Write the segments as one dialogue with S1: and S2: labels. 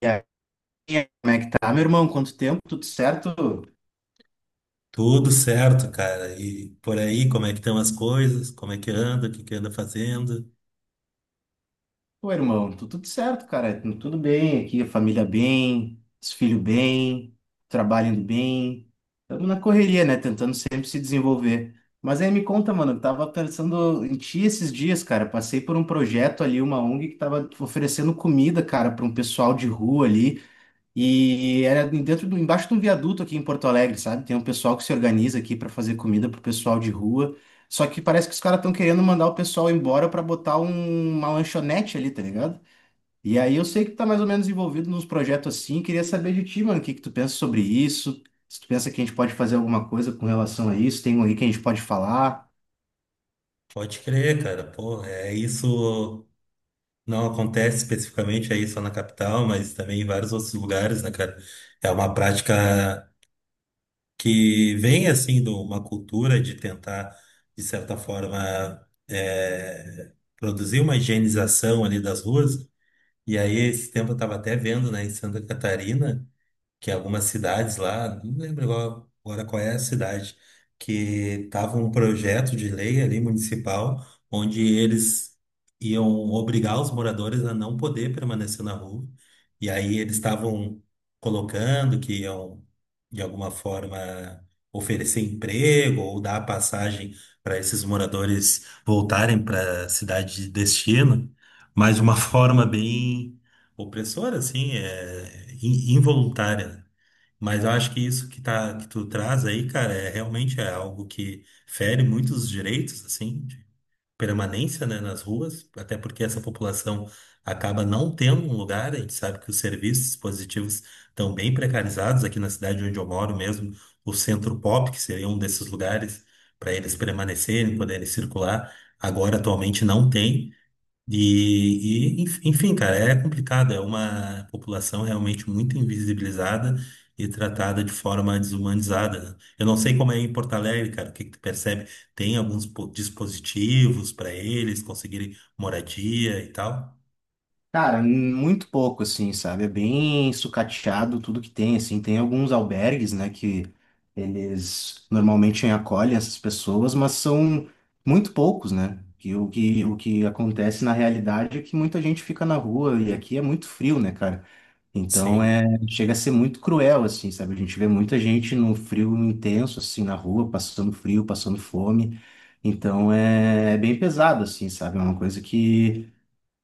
S1: E aí, como é que tá, meu irmão? Quanto tempo? Tudo certo?
S2: Tudo certo, cara. E por aí, como é que estão as coisas? Como é que anda? O que que anda fazendo?
S1: Pô, irmão, tudo certo, cara. Tudo bem aqui, a família bem, os filhos bem, trabalho indo bem. Estamos na correria, né? Tentando sempre se desenvolver. Mas aí me conta, mano, eu tava pensando em ti esses dias, cara. Passei por um projeto ali, uma ONG que tava oferecendo comida, cara, para um pessoal de rua ali. E era dentro embaixo de um viaduto aqui em Porto Alegre, sabe? Tem um pessoal que se organiza aqui para fazer comida pro pessoal de rua. Só que parece que os caras estão querendo mandar o pessoal embora para botar uma lanchonete ali, tá ligado? E aí eu sei que tu tá mais ou menos envolvido nos projetos assim. Queria saber de ti, mano, o que que tu pensa sobre isso? Se tu pensa que a gente pode fazer alguma coisa com relação a isso, tem alguém que a gente pode falar.
S2: Pode crer, cara. Pô, é isso. Não acontece especificamente aí só na capital, mas também em vários outros lugares, né, cara? É uma prática que vem, assim, de uma cultura de tentar, de certa forma, produzir uma higienização ali das ruas. E aí, esse tempo eu estava até vendo, né, em Santa Catarina, que algumas cidades lá, não lembro agora qual é a cidade, que tava um projeto de lei ali municipal, onde eles iam obrigar os moradores a não poder permanecer na rua. E aí eles estavam colocando que iam, de alguma forma, oferecer emprego ou dar passagem para esses moradores voltarem para a cidade de destino, mas de uma forma bem opressora, assim, involuntária, né? Mas eu acho que isso que tu traz aí, cara, é realmente algo que fere muitos direitos assim de permanência, né, nas ruas, até porque essa população acaba não tendo um lugar. A gente sabe que os serviços dispositivos estão bem precarizados aqui na cidade onde eu moro mesmo. O Centro Pop, que seria um desses lugares para eles permanecerem, poderem circular, agora atualmente não tem. Enfim, cara, é complicado. É uma população realmente muito invisibilizada e tratada de forma desumanizada, né? Eu não sei como é em Porto Alegre, cara, o que que tu percebe? Tem alguns dispositivos para eles conseguirem moradia e tal?
S1: Cara, muito pouco, assim, sabe? É bem sucateado tudo que tem, assim. Tem alguns albergues, né, que eles normalmente acolhem essas pessoas, mas são muito poucos, né? Que o que acontece na realidade é que muita gente fica na rua e aqui é muito frio, né, cara? Então
S2: Sim.
S1: é, chega a ser muito cruel, assim, sabe? A gente vê muita gente no frio intenso, assim, na rua, passando frio, passando fome. Então é, é bem pesado, assim, sabe? É uma coisa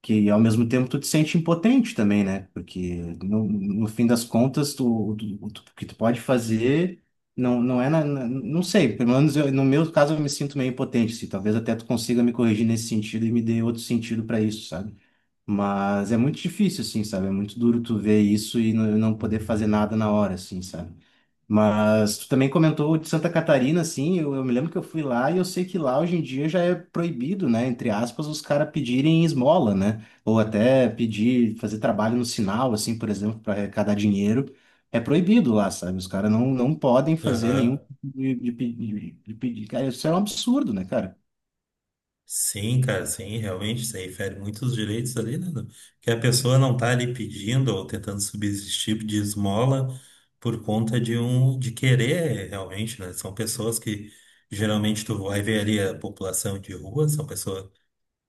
S1: que ao mesmo tempo tu te sente impotente também, né? Porque no fim das contas, o que tu pode fazer não é não sei, pelo menos no meu caso eu me sinto meio impotente, assim, talvez até tu consiga me corrigir nesse sentido e me dê outro sentido para isso, sabe? Mas é muito difícil, assim, sabe? É muito duro tu ver isso e não poder fazer nada na hora, assim, sabe? Mas tu também comentou de Santa Catarina, assim, eu me lembro que eu fui lá e eu sei que lá hoje em dia já é proibido, né, entre aspas, os caras pedirem esmola, né, ou até pedir, fazer trabalho no sinal, assim, por exemplo, para arrecadar dinheiro, é proibido lá, sabe, os caras não podem fazer nenhum
S2: Aham.
S1: tipo de pedir, cara, isso é um absurdo, né, cara?
S2: Sim, cara, sim, realmente, isso aí fere muitos direitos ali, né? Que a pessoa não tá ali pedindo ou tentando subsistir de esmola por conta de querer, realmente, né? São pessoas que geralmente tu vai ver ali a população de rua, são pessoas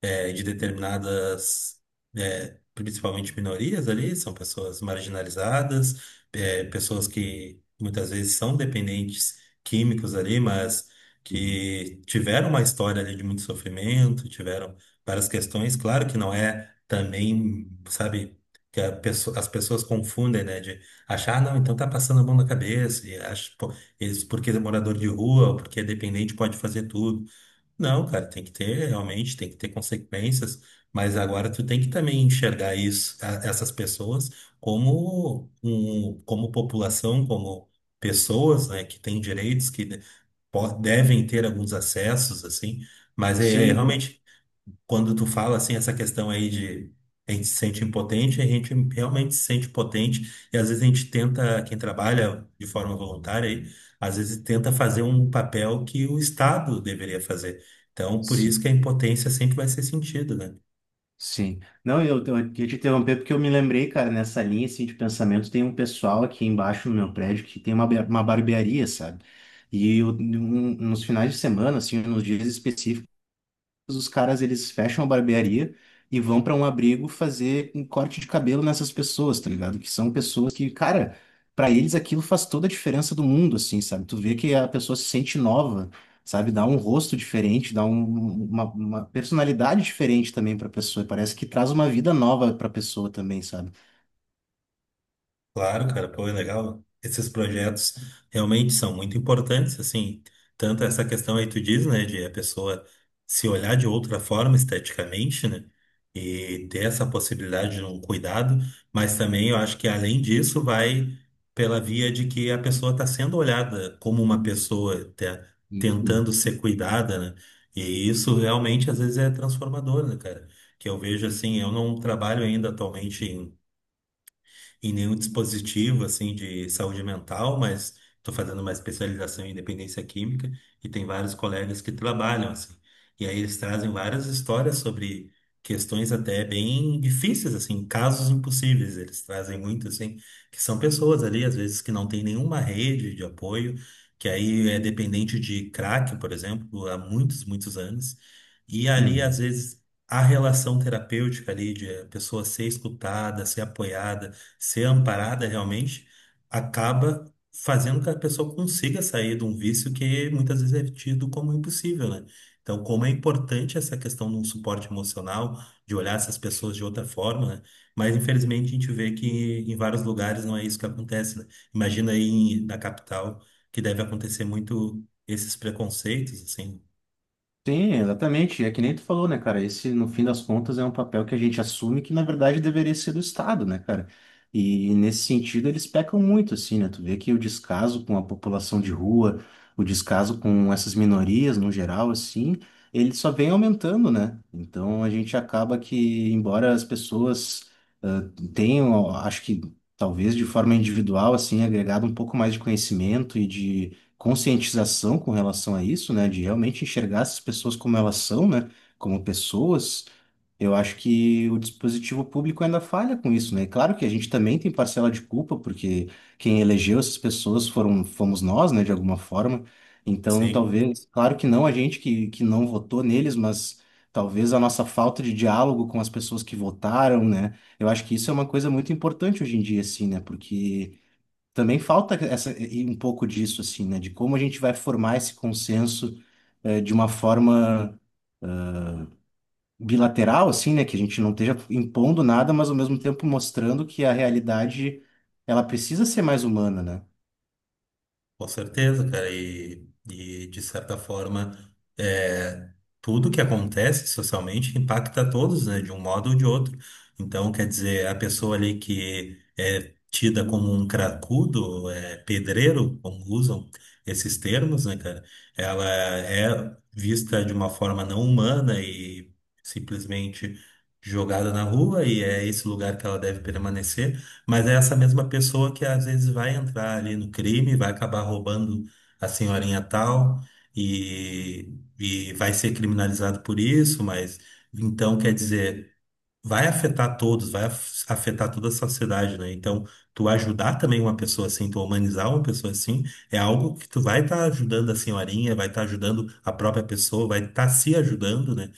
S2: de determinadas, principalmente minorias ali, são pessoas marginalizadas, pessoas que muitas vezes são dependentes químicos ali, mas
S1: Uhum.
S2: que tiveram uma história ali de muito sofrimento, tiveram várias questões. Claro que não é também, sabe, que a as pessoas confundem, né, de achar, "Ah, não, então tá passando a mão na cabeça, e acho, pô, eles, porque é morador de rua, ou porque é dependente, pode fazer tudo". Não, cara, tem que ter, realmente, tem que ter consequências, mas agora tu tem que também enxergar isso, essas pessoas como um, como população, como pessoas, né, que têm direitos, que devem ter alguns acessos, assim, mas é, é
S1: Sim, eu-
S2: realmente quando tu fala assim essa questão aí de a gente se sente impotente, a gente realmente se sente potente e às vezes a gente tenta, quem trabalha de forma voluntária, aí, às vezes tenta fazer um papel que o Estado deveria fazer. Então, por
S1: sim.
S2: isso que a impotência sempre vai ser sentida, né?
S1: Sim. Não, eu queria te interromper porque eu me lembrei, cara, nessa linha assim, de pensamento, tem um pessoal aqui embaixo no meu prédio que tem uma barbearia, sabe? E nos finais de semana, assim, nos dias específicos, os caras eles fecham a barbearia e vão pra um abrigo fazer um corte de cabelo nessas pessoas, tá ligado? Que são pessoas que, cara, pra eles aquilo faz toda a diferença do mundo, assim, sabe? Tu vê que a pessoa se sente nova, sabe? Dá um rosto diferente, uma personalidade diferente também pra pessoa. Parece que traz uma vida nova pra pessoa também, sabe?
S2: Claro, cara, pô, é legal. Esses projetos realmente são muito importantes, assim, tanto essa questão aí tu diz, né, de a pessoa se olhar de outra forma esteticamente, né, e ter essa possibilidade de um cuidado, mas também eu acho que além disso vai pela via de que a pessoa está sendo olhada como uma tentando
S1: Uhum.
S2: ser cuidada, né, e isso realmente às vezes é transformador, né, cara, que eu vejo assim, eu não trabalho ainda atualmente em nenhum dispositivo assim de saúde mental, mas estou fazendo uma especialização em dependência química e tem vários colegas que trabalham assim. E aí eles trazem várias histórias sobre questões até bem difíceis assim, casos impossíveis. Eles trazem muito assim, que são pessoas ali às vezes que não têm nenhuma rede de apoio, que aí é dependente de crack, por exemplo, há muitos, muitos anos. E ali às
S1: Uhum.
S2: vezes a relação terapêutica ali de a pessoa ser escutada, ser apoiada, ser amparada realmente acaba fazendo com que a pessoa consiga sair de um vício que muitas vezes é tido como impossível, né? Então, como é importante essa questão de um suporte emocional, de olhar essas pessoas de outra forma, né? Mas infelizmente a gente vê que em vários lugares não é isso que acontece, né? Imagina aí na capital que deve acontecer muito esses preconceitos, assim,
S1: Sim, exatamente. É que nem tu falou, né, cara? Esse, no fim das contas, é um papel que a gente assume que, na verdade, deveria ser do Estado, né, cara? E nesse sentido, eles pecam muito, assim, né? Tu vê que o descaso com a população de rua, o descaso com essas minorias no geral, assim, ele só vem aumentando, né? Então a gente acaba que, embora as pessoas ah, tenham, acho que talvez de forma individual, assim, agregado um pouco mais de conhecimento e de conscientização com relação a isso, né, de realmente enxergar essas pessoas como elas são, né, como pessoas, eu acho que o dispositivo público ainda falha com isso, né? Claro que a gente também tem parcela de culpa, porque quem elegeu essas pessoas foram, fomos nós, né, de alguma forma. Então,
S2: sim.
S1: talvez, claro que não a gente que não votou neles, mas talvez a nossa falta de diálogo com as pessoas que votaram, né? Eu acho que isso é uma coisa muito importante hoje em dia, assim, né? Porque também falta essa, e um pouco disso, assim, né? De como a gente vai formar esse consenso de uma forma bilateral, assim, né? Que a gente não esteja impondo nada, mas ao mesmo tempo mostrando que a realidade, ela precisa ser mais humana, né?
S2: Com certeza, cara, e de certa forma, é, tudo que acontece socialmente impacta todos, né, de um modo ou de outro. Então, quer dizer, a pessoa ali que é tida como um cracudo, é, pedreiro, como usam esses termos, né, cara, ela é vista de uma forma não humana e simplesmente jogada na rua, e é esse lugar que ela deve permanecer. Mas é essa mesma pessoa que às vezes vai entrar ali no crime, vai acabar roubando a senhorinha tal e, e vai ser criminalizado por isso, mas então quer dizer, vai afetar todos, vai afetar toda a sociedade, né? Então, tu ajudar também uma pessoa assim, tu humanizar uma pessoa assim, é algo que tu vai estar ajudando a senhorinha, vai estar ajudando a própria pessoa, vai estar se ajudando, né?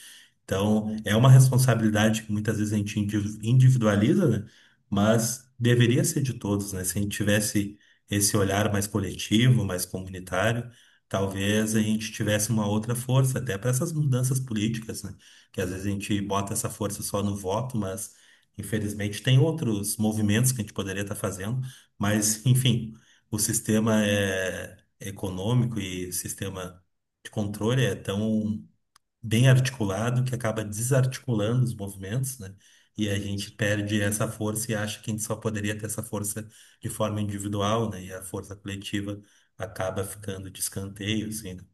S2: Então, é uma responsabilidade que muitas vezes a gente individualiza, né? Mas deveria ser de todos, né? Se a gente tivesse esse olhar mais coletivo, mais comunitário, talvez a gente tivesse uma outra força, até para essas mudanças políticas, né? Que às vezes a gente bota essa força só no voto, mas infelizmente tem outros movimentos que a gente poderia estar fazendo. Mas, enfim, o sistema é econômico e sistema de controle é tão bem articulado, que acaba desarticulando os movimentos, né? E a gente perde essa força e acha que a gente só poderia ter essa força de forma individual, né? E a força coletiva acaba ficando de escanteio, assim, né? Não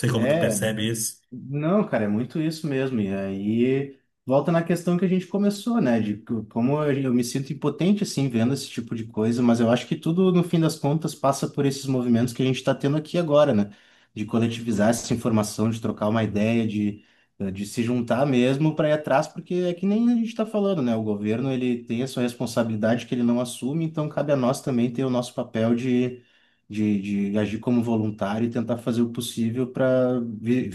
S2: sei como tu
S1: é
S2: percebe isso.
S1: Não, cara, é muito isso mesmo. E aí volta na questão que a gente começou, né? Como eu me sinto impotente assim vendo esse tipo de coisa, mas eu acho que tudo no fim das contas passa por esses movimentos que a gente está tendo aqui agora, né? De coletivizar essa informação, de trocar uma ideia, de se juntar mesmo para ir atrás, porque é que nem a gente está falando, né? O governo ele tem a sua responsabilidade que ele não assume, então cabe a nós também ter o nosso papel de agir como voluntário e tentar fazer o possível para vi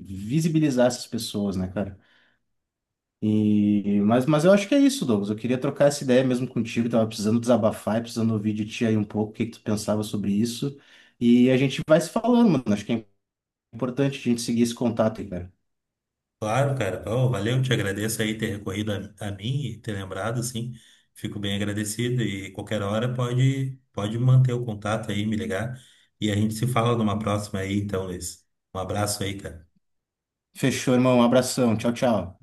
S1: visibilizar essas pessoas, né, cara? Mas eu acho que é isso, Douglas. Eu queria trocar essa ideia mesmo contigo. Tava precisando desabafar e precisando ouvir de ti aí um pouco o que que tu pensava sobre isso. E a gente vai se falando, mano. Acho que é importante a gente seguir esse contato aí, cara.
S2: Claro, cara. Pô, valeu, te agradeço aí ter recorrido a mim e ter lembrado, assim. Fico bem agradecido e qualquer hora pode, pode manter o contato aí, me ligar. E a gente se fala numa próxima aí, então, Luiz. Um abraço aí, cara.
S1: Fechou, irmão. Um abração. Tchau, tchau.